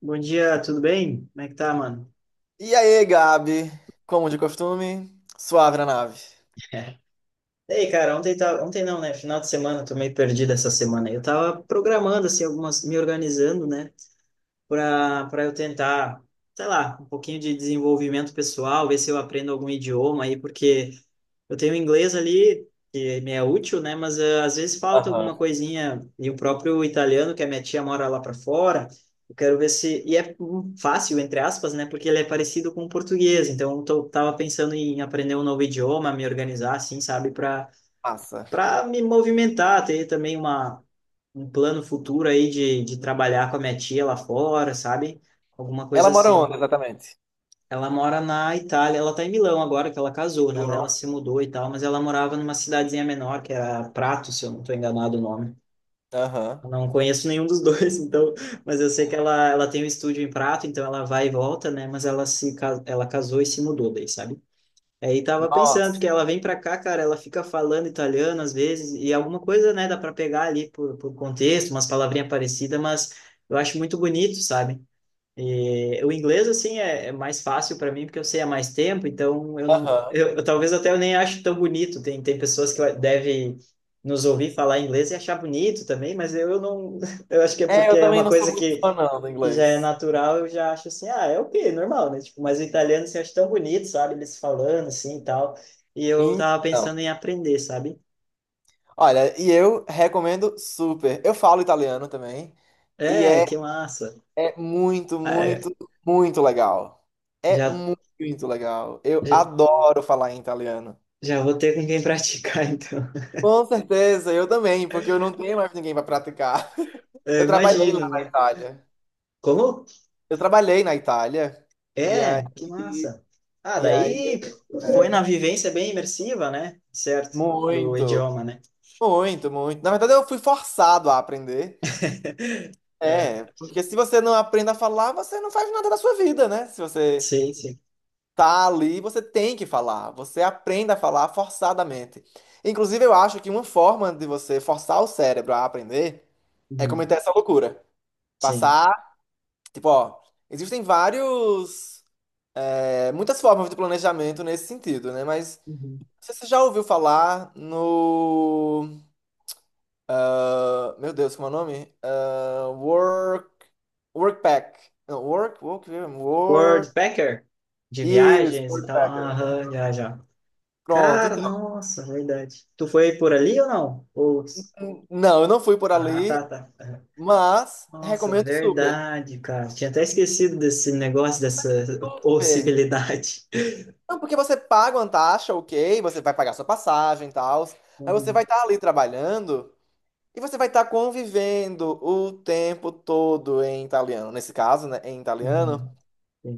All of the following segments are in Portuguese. Bom dia, tudo bem? Como é que tá, mano? E aí, Gabi? Como de costume, suave na nave. Ei, cara, ontem não, né? Final de semana, eu tô meio perdido essa semana. Eu tava programando assim me organizando, né? para eu tentar, sei lá, um pouquinho de desenvolvimento pessoal, ver se eu aprendo algum idioma aí, porque eu tenho inglês ali, que me é útil, né? Mas às vezes falta Aham. alguma coisinha. E o próprio italiano, que a minha tia mora lá para fora, eu quero ver se. E é fácil, entre aspas, né? Porque ele é parecido com o português. Então, eu tava pensando em aprender um novo idioma, me organizar, assim, sabe? Para Massa. para me movimentar, ter também uma um plano futuro aí de trabalhar com a minha tia lá fora, sabe? Alguma coisa Ela mora onde, assim. exatamente? Ela mora na Itália, ela tá em Milão agora que ela casou, né? Eu não. Ela se mudou e tal, mas ela morava numa cidadezinha menor, que era Prato, se eu não tô enganado o nome. Aham. Eu não conheço nenhum dos dois, então, mas eu sei que ela tem um estúdio em Prato, então ela vai e volta, né? Mas ela casou e se mudou daí, sabe? Aí tava pensando, porque Nossa. ela vem pra cá, cara, ela fica falando italiano às vezes, e alguma coisa, né, dá pra pegar ali por contexto, umas palavrinhas parecidas, mas eu acho muito bonito, sabe? E o inglês, assim, é mais fácil para mim, porque eu sei há mais tempo, então eu não. Aham. Eu talvez até eu nem ache tão bonito. Tem pessoas que devem nos ouvir falar inglês e achar bonito também, mas eu não. Eu acho que é É, porque eu é também uma não sou coisa muito que, fã, não, do que já é inglês. natural, eu já acho assim, ah, é o quê? Normal, né? Tipo, mas o italiano se acha tão bonito, sabe? Eles falando assim e tal. E eu tava Então, pensando em aprender, sabe? olha, e eu recomendo super. Eu falo italiano também. E É, é, que massa. é muito, Ah, é, muito, muito legal. É já, muito legal. Eu já adoro falar em italiano. já vou ter com quem praticar, então. Com certeza, eu também, porque eu não tenho mais ninguém para praticar. Eu Eu trabalhei imagino, lá na né? Itália. Como, Eu trabalhei na Itália e é, que aí, massa. Ah, e aí daí foi na é, vivência bem imersiva, né? Certo, do muito, idioma, né? muito, muito. Na verdade, eu fui forçado a aprender. É, porque se você não aprende a falar, você não faz nada da sua vida, né? Se você Sim, sim. tá ali, você tem que falar. Você aprende a falar forçadamente. Inclusive, eu acho que uma forma de você forçar o cérebro a aprender é Uhum. cometer essa loucura. Sim. Passar, tipo, ó, existem vários, muitas formas de planejamento nesse sentido, né? Mas Uhum. não sei se você já ouviu falar no. Ah, meu Deus, como é o nome? Ah, work. Workpack. Não, work, work, work. World Packer, de Isso, viagens e tal. Workpacker. Aham, já, já. Pronto, Cara, então. nossa, verdade. Tu foi por ali ou não? Ou... Não, eu não fui por Ah, ali, tá, tá. Aham. mas Nossa, recomendo super. verdade, cara. Tinha até esquecido desse negócio, dessa Super. possibilidade. Não, porque você paga uma taxa, ok, você vai pagar sua passagem e tal, mas você Uhum. vai estar ali trabalhando e você vai estar convivendo o tempo todo em italiano. Nesse caso, né, em italiano. Uhum.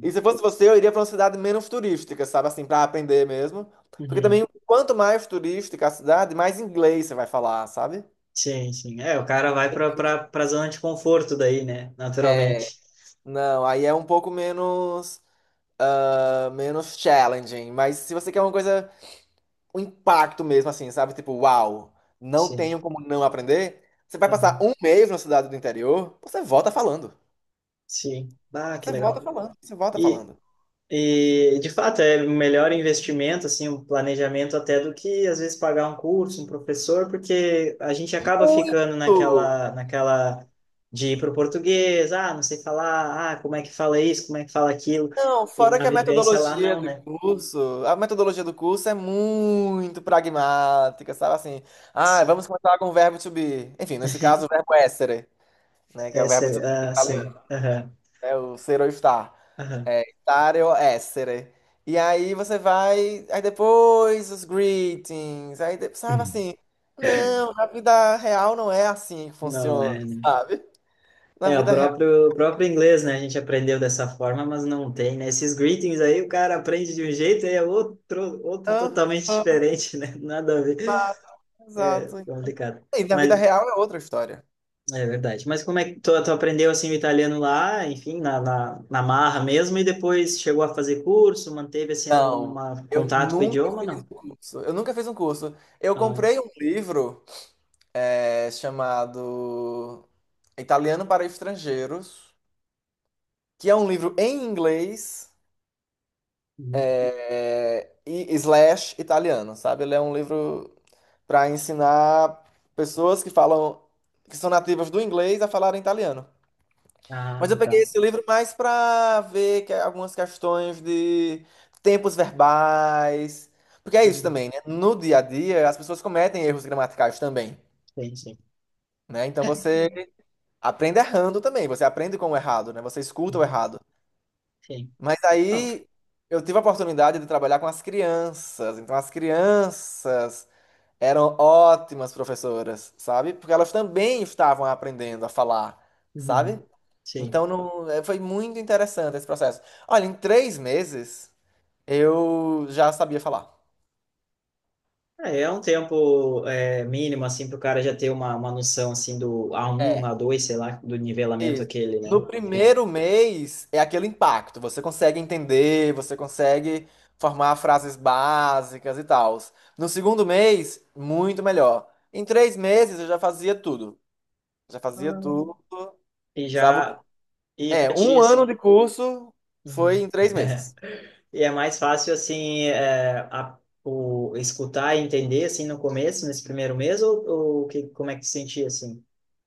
E se fosse você, eu iria para uma cidade menos turística, sabe? Assim, para aprender mesmo. Porque Uhum. também, quanto mais turística a cidade, mais inglês você vai falar, sabe? Sim, sim. É, o cara vai para zona de conforto daí, né? É, Naturalmente. não, aí é um pouco menos, menos challenging. Mas se você quer uma coisa, um impacto mesmo, assim, sabe? Tipo, uau, não Sim. tenho como não aprender. Você vai passar Aham. um mês na cidade do interior, você volta falando. Sim. Ah, que Você volta legal. falando, você volta E, falando. e de fato é um melhor investimento, assim, um planejamento até do que às vezes pagar um curso, um professor, porque a gente acaba ficando Muito! naquela de ir pro português, ah, não sei falar, ah, como é que fala isso, como é que fala aquilo, Não, e fora na que a vivência lá metodologia não, do né? curso, a metodologia do curso é muito pragmática, sabe assim? Ah, Sim. vamos começar com o verbo to be. Enfim, nesse caso, o verbo essere, né? Que é o Essa, verbo to é, be em ah, italiano, sim. Aham. né? O ser ou estar. Aham. É, stare ou essere. E aí você vai, aí depois os greetings, aí, sabe Hum. assim? Não, na vida real não é assim que Não funciona, é, né? sabe? Na É, o vida real, próprio, o próprio inglês, né? A gente aprendeu dessa forma, mas não tem, né? Esses greetings aí, o cara aprende de um jeito, aí é outro, outro não, totalmente não, diferente, né? Nada a ver. não, exato. Complicado. E na vida Mas real é outra história. é verdade. Mas como é que tu aprendeu assim o italiano lá, enfim, na marra mesmo, e depois chegou a fazer curso, manteve assim algum Não, eu contato com o nunca idioma, fiz não? um curso. Eu nunca fiz um curso. Eu Ah, comprei um livro chamado Italiano para Estrangeiros, que é um livro em inglês uhum. E slash italiano, sabe? Ele é um livro para ensinar pessoas que falam, que são nativas do inglês a falar italiano. Mas eu Ah, tá. peguei esse livro mais para ver algumas questões de tempos verbais. Porque é isso Uhum. também, né? No dia a dia, as pessoas cometem erros gramaticais também, Sim, sim. né? Então você aprende errando também, você aprende com o errado, né? Você escuta o Uhum. errado. Sim. Mas Não. aí eu tive a oportunidade de trabalhar com as crianças. Então as crianças eram ótimas professoras, sabe? Porque elas também estavam aprendendo a falar, sabe? Uhum. Sim. Então não, foi muito interessante esse processo. Olha, em 3 meses eu já sabia falar. É um tempo mínimo, assim, para o cara já ter uma noção, assim, do a um É, a dois sei lá, do nivelamento isso. aquele, né? No Enfim. primeiro mês é aquele impacto, você consegue entender, você consegue formar frases básicas e tal. No segundo mês, muito melhor. Em três meses eu já fazia tudo. Já fazia Ah, tudo. E Sabe? já, e É, para ti, um ano assim, de curso foi uhum. em 3 meses. e é mais fácil, assim, escutar e entender, assim, no começo, nesse primeiro mês, ou que, como é que tu sentia, assim?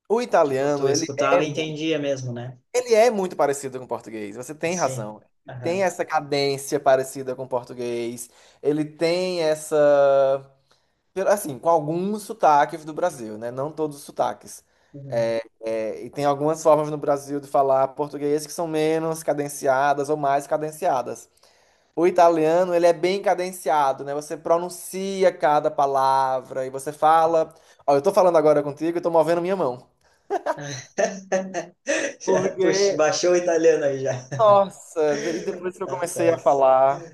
O Tipo, tu italiano, ele é escutava e muito, entendia mesmo, né? ele é muito parecido com o português. Você tem Sim. razão. Tem Aham. essa cadência parecida com o português. Ele tem essa, assim, com alguns sotaques do Brasil, né? Não todos os sotaques. Uhum. É, e tem algumas formas no Brasil de falar português que são menos cadenciadas ou mais cadenciadas. O italiano, ele é bem cadenciado, né? Você pronuncia cada palavra e você fala. Ó, eu tô falando agora contigo e tô movendo minha mão. Já, Porque, puxa, baixou o italiano aí já. nossa, e depois que eu comecei a Rapaz, falar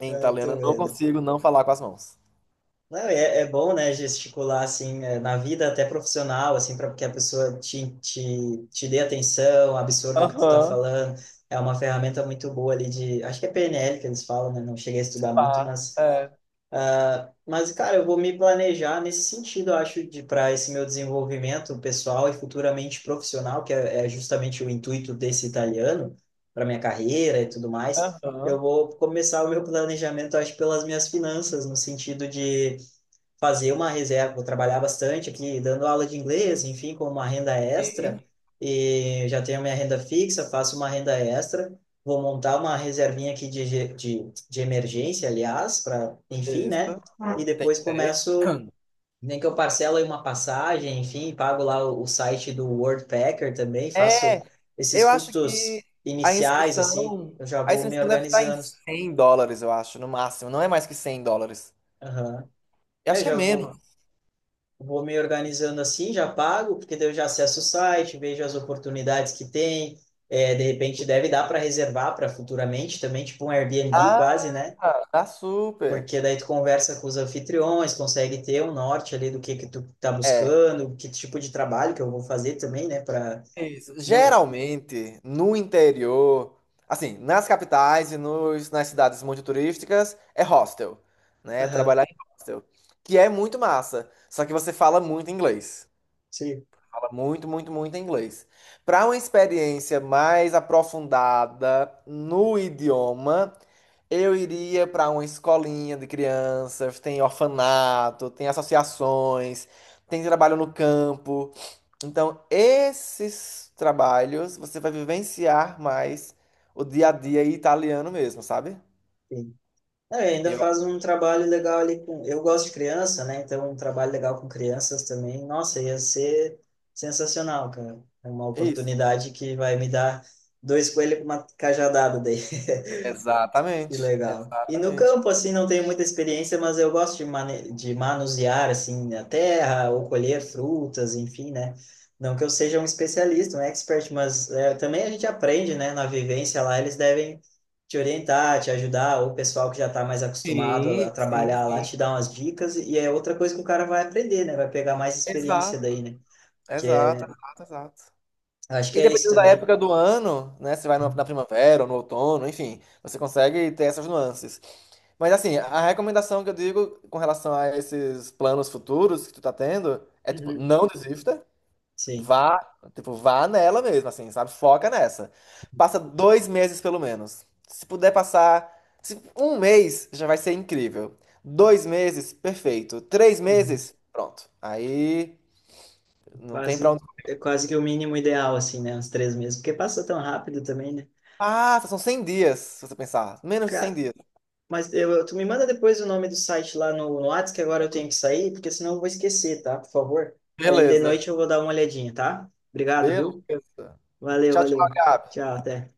em ah, italiano, tô eu não vendo. consigo não falar com as mãos. Não, é, é bom, né, gesticular, assim, na vida até profissional, assim, para que a pessoa te dê atenção, absorva o que tu está Aham, falando. É uma ferramenta muito boa ali de... Acho que é PNL que eles falam, né? Não cheguei a estudar muito, tá, mas... é, Mas, cara, eu vou me planejar nesse sentido, eu acho, de para esse meu desenvolvimento pessoal e futuramente profissional, que é justamente o intuito desse italiano, para minha carreira e tudo mais. Eu aham, vou começar o meu planejamento, acho, pelas minhas finanças, no sentido de fazer uma reserva, vou trabalhar bastante aqui, dando aula de inglês, enfim, com uma renda sim. extra, e já tenho minha renda fixa, faço uma renda extra, vou montar uma reservinha aqui de emergência, aliás, para, enfim, Isso, né? E depois é. começo, nem que eu parcelo aí uma passagem, enfim, pago lá o site do Worldpacker também, É, faço esses eu acho que custos a iniciais, assim, inscrição, eu já a vou me inscrição deve estar em organizando. US$ 100, eu acho, no máximo. Não é mais que US$ 100. Aham. Eu É, acho eu que é já menos. vou me organizando assim, já pago, porque daí eu já acesso o site, vejo as oportunidades que tem. É, de repente deve dar para reservar para futuramente também, tipo um Airbnb quase, né? Ah, tá super. Porque daí tu conversa com os anfitriões, consegue ter um norte ali do que tu tá É, buscando, que tipo de trabalho que eu vou fazer também, né? Para isso. não. Geralmente, no interior, assim, nas capitais e nas cidades muito turísticas, é hostel, né? É Aham, trabalhar em hostel, que é muito massa, só que você fala muito inglês. sim. Fala muito, muito, muito inglês. Para uma experiência mais aprofundada no idioma, eu iria para uma escolinha de crianças, tem orfanato, tem associações, tem trabalho no campo. Então, esses trabalhos você vai vivenciar mais o dia a dia italiano mesmo, sabe? É, ainda Eu faz acho um trabalho legal ali com. Eu gosto de criança, né? Então, um trabalho legal com crianças também. Nossa, ia ser sensacional, cara. É uma que é isso. oportunidade que vai me dar dois coelhos com uma cajadada daí. Que Exatamente, legal. E no exatamente. campo, assim, não tenho muita experiência, mas eu gosto de manusear, assim, a terra ou colher frutas, enfim, né? Não que eu seja um especialista, um expert, mas é, também a gente aprende, né? Na vivência lá, eles devem te orientar, te ajudar, ou o pessoal que já está mais acostumado a Sim, sim, trabalhar lá sim. te dá umas dicas, e é outra coisa que o cara vai aprender, né? Vai pegar mais experiência Exato, daí, né? Que exato, é, exato, exato. acho que E é isso dependendo da também. época do ano, né? Se vai na primavera ou no outono, enfim, você consegue ter essas nuances. Mas assim, a recomendação que eu digo com relação a esses planos futuros que tu tá tendo é tipo, Uhum. não desista. Sim. Vá, tipo, vá nela mesmo, assim, sabe? Foca nessa. Passa 2 meses pelo menos. Se puder passar um mês, já vai ser incrível. 2 meses, perfeito. 3 meses, pronto. Aí não tem pra Quase, onde. é quase que o mínimo ideal, assim, né? Uns 3 meses. Porque passa tão rápido também, né? Ah, são 100 dias, se você pensar. Menos de 100 Cara, dias. mas tu me manda depois o nome do site lá no Whats, que agora eu tenho que sair, porque senão eu vou esquecer, tá? Por favor. Aí de noite Beleza. eu vou dar uma olhadinha, tá? Obrigado, viu? Beleza. Valeu, Tchau, tchau, valeu. Gabi. Tchau, até.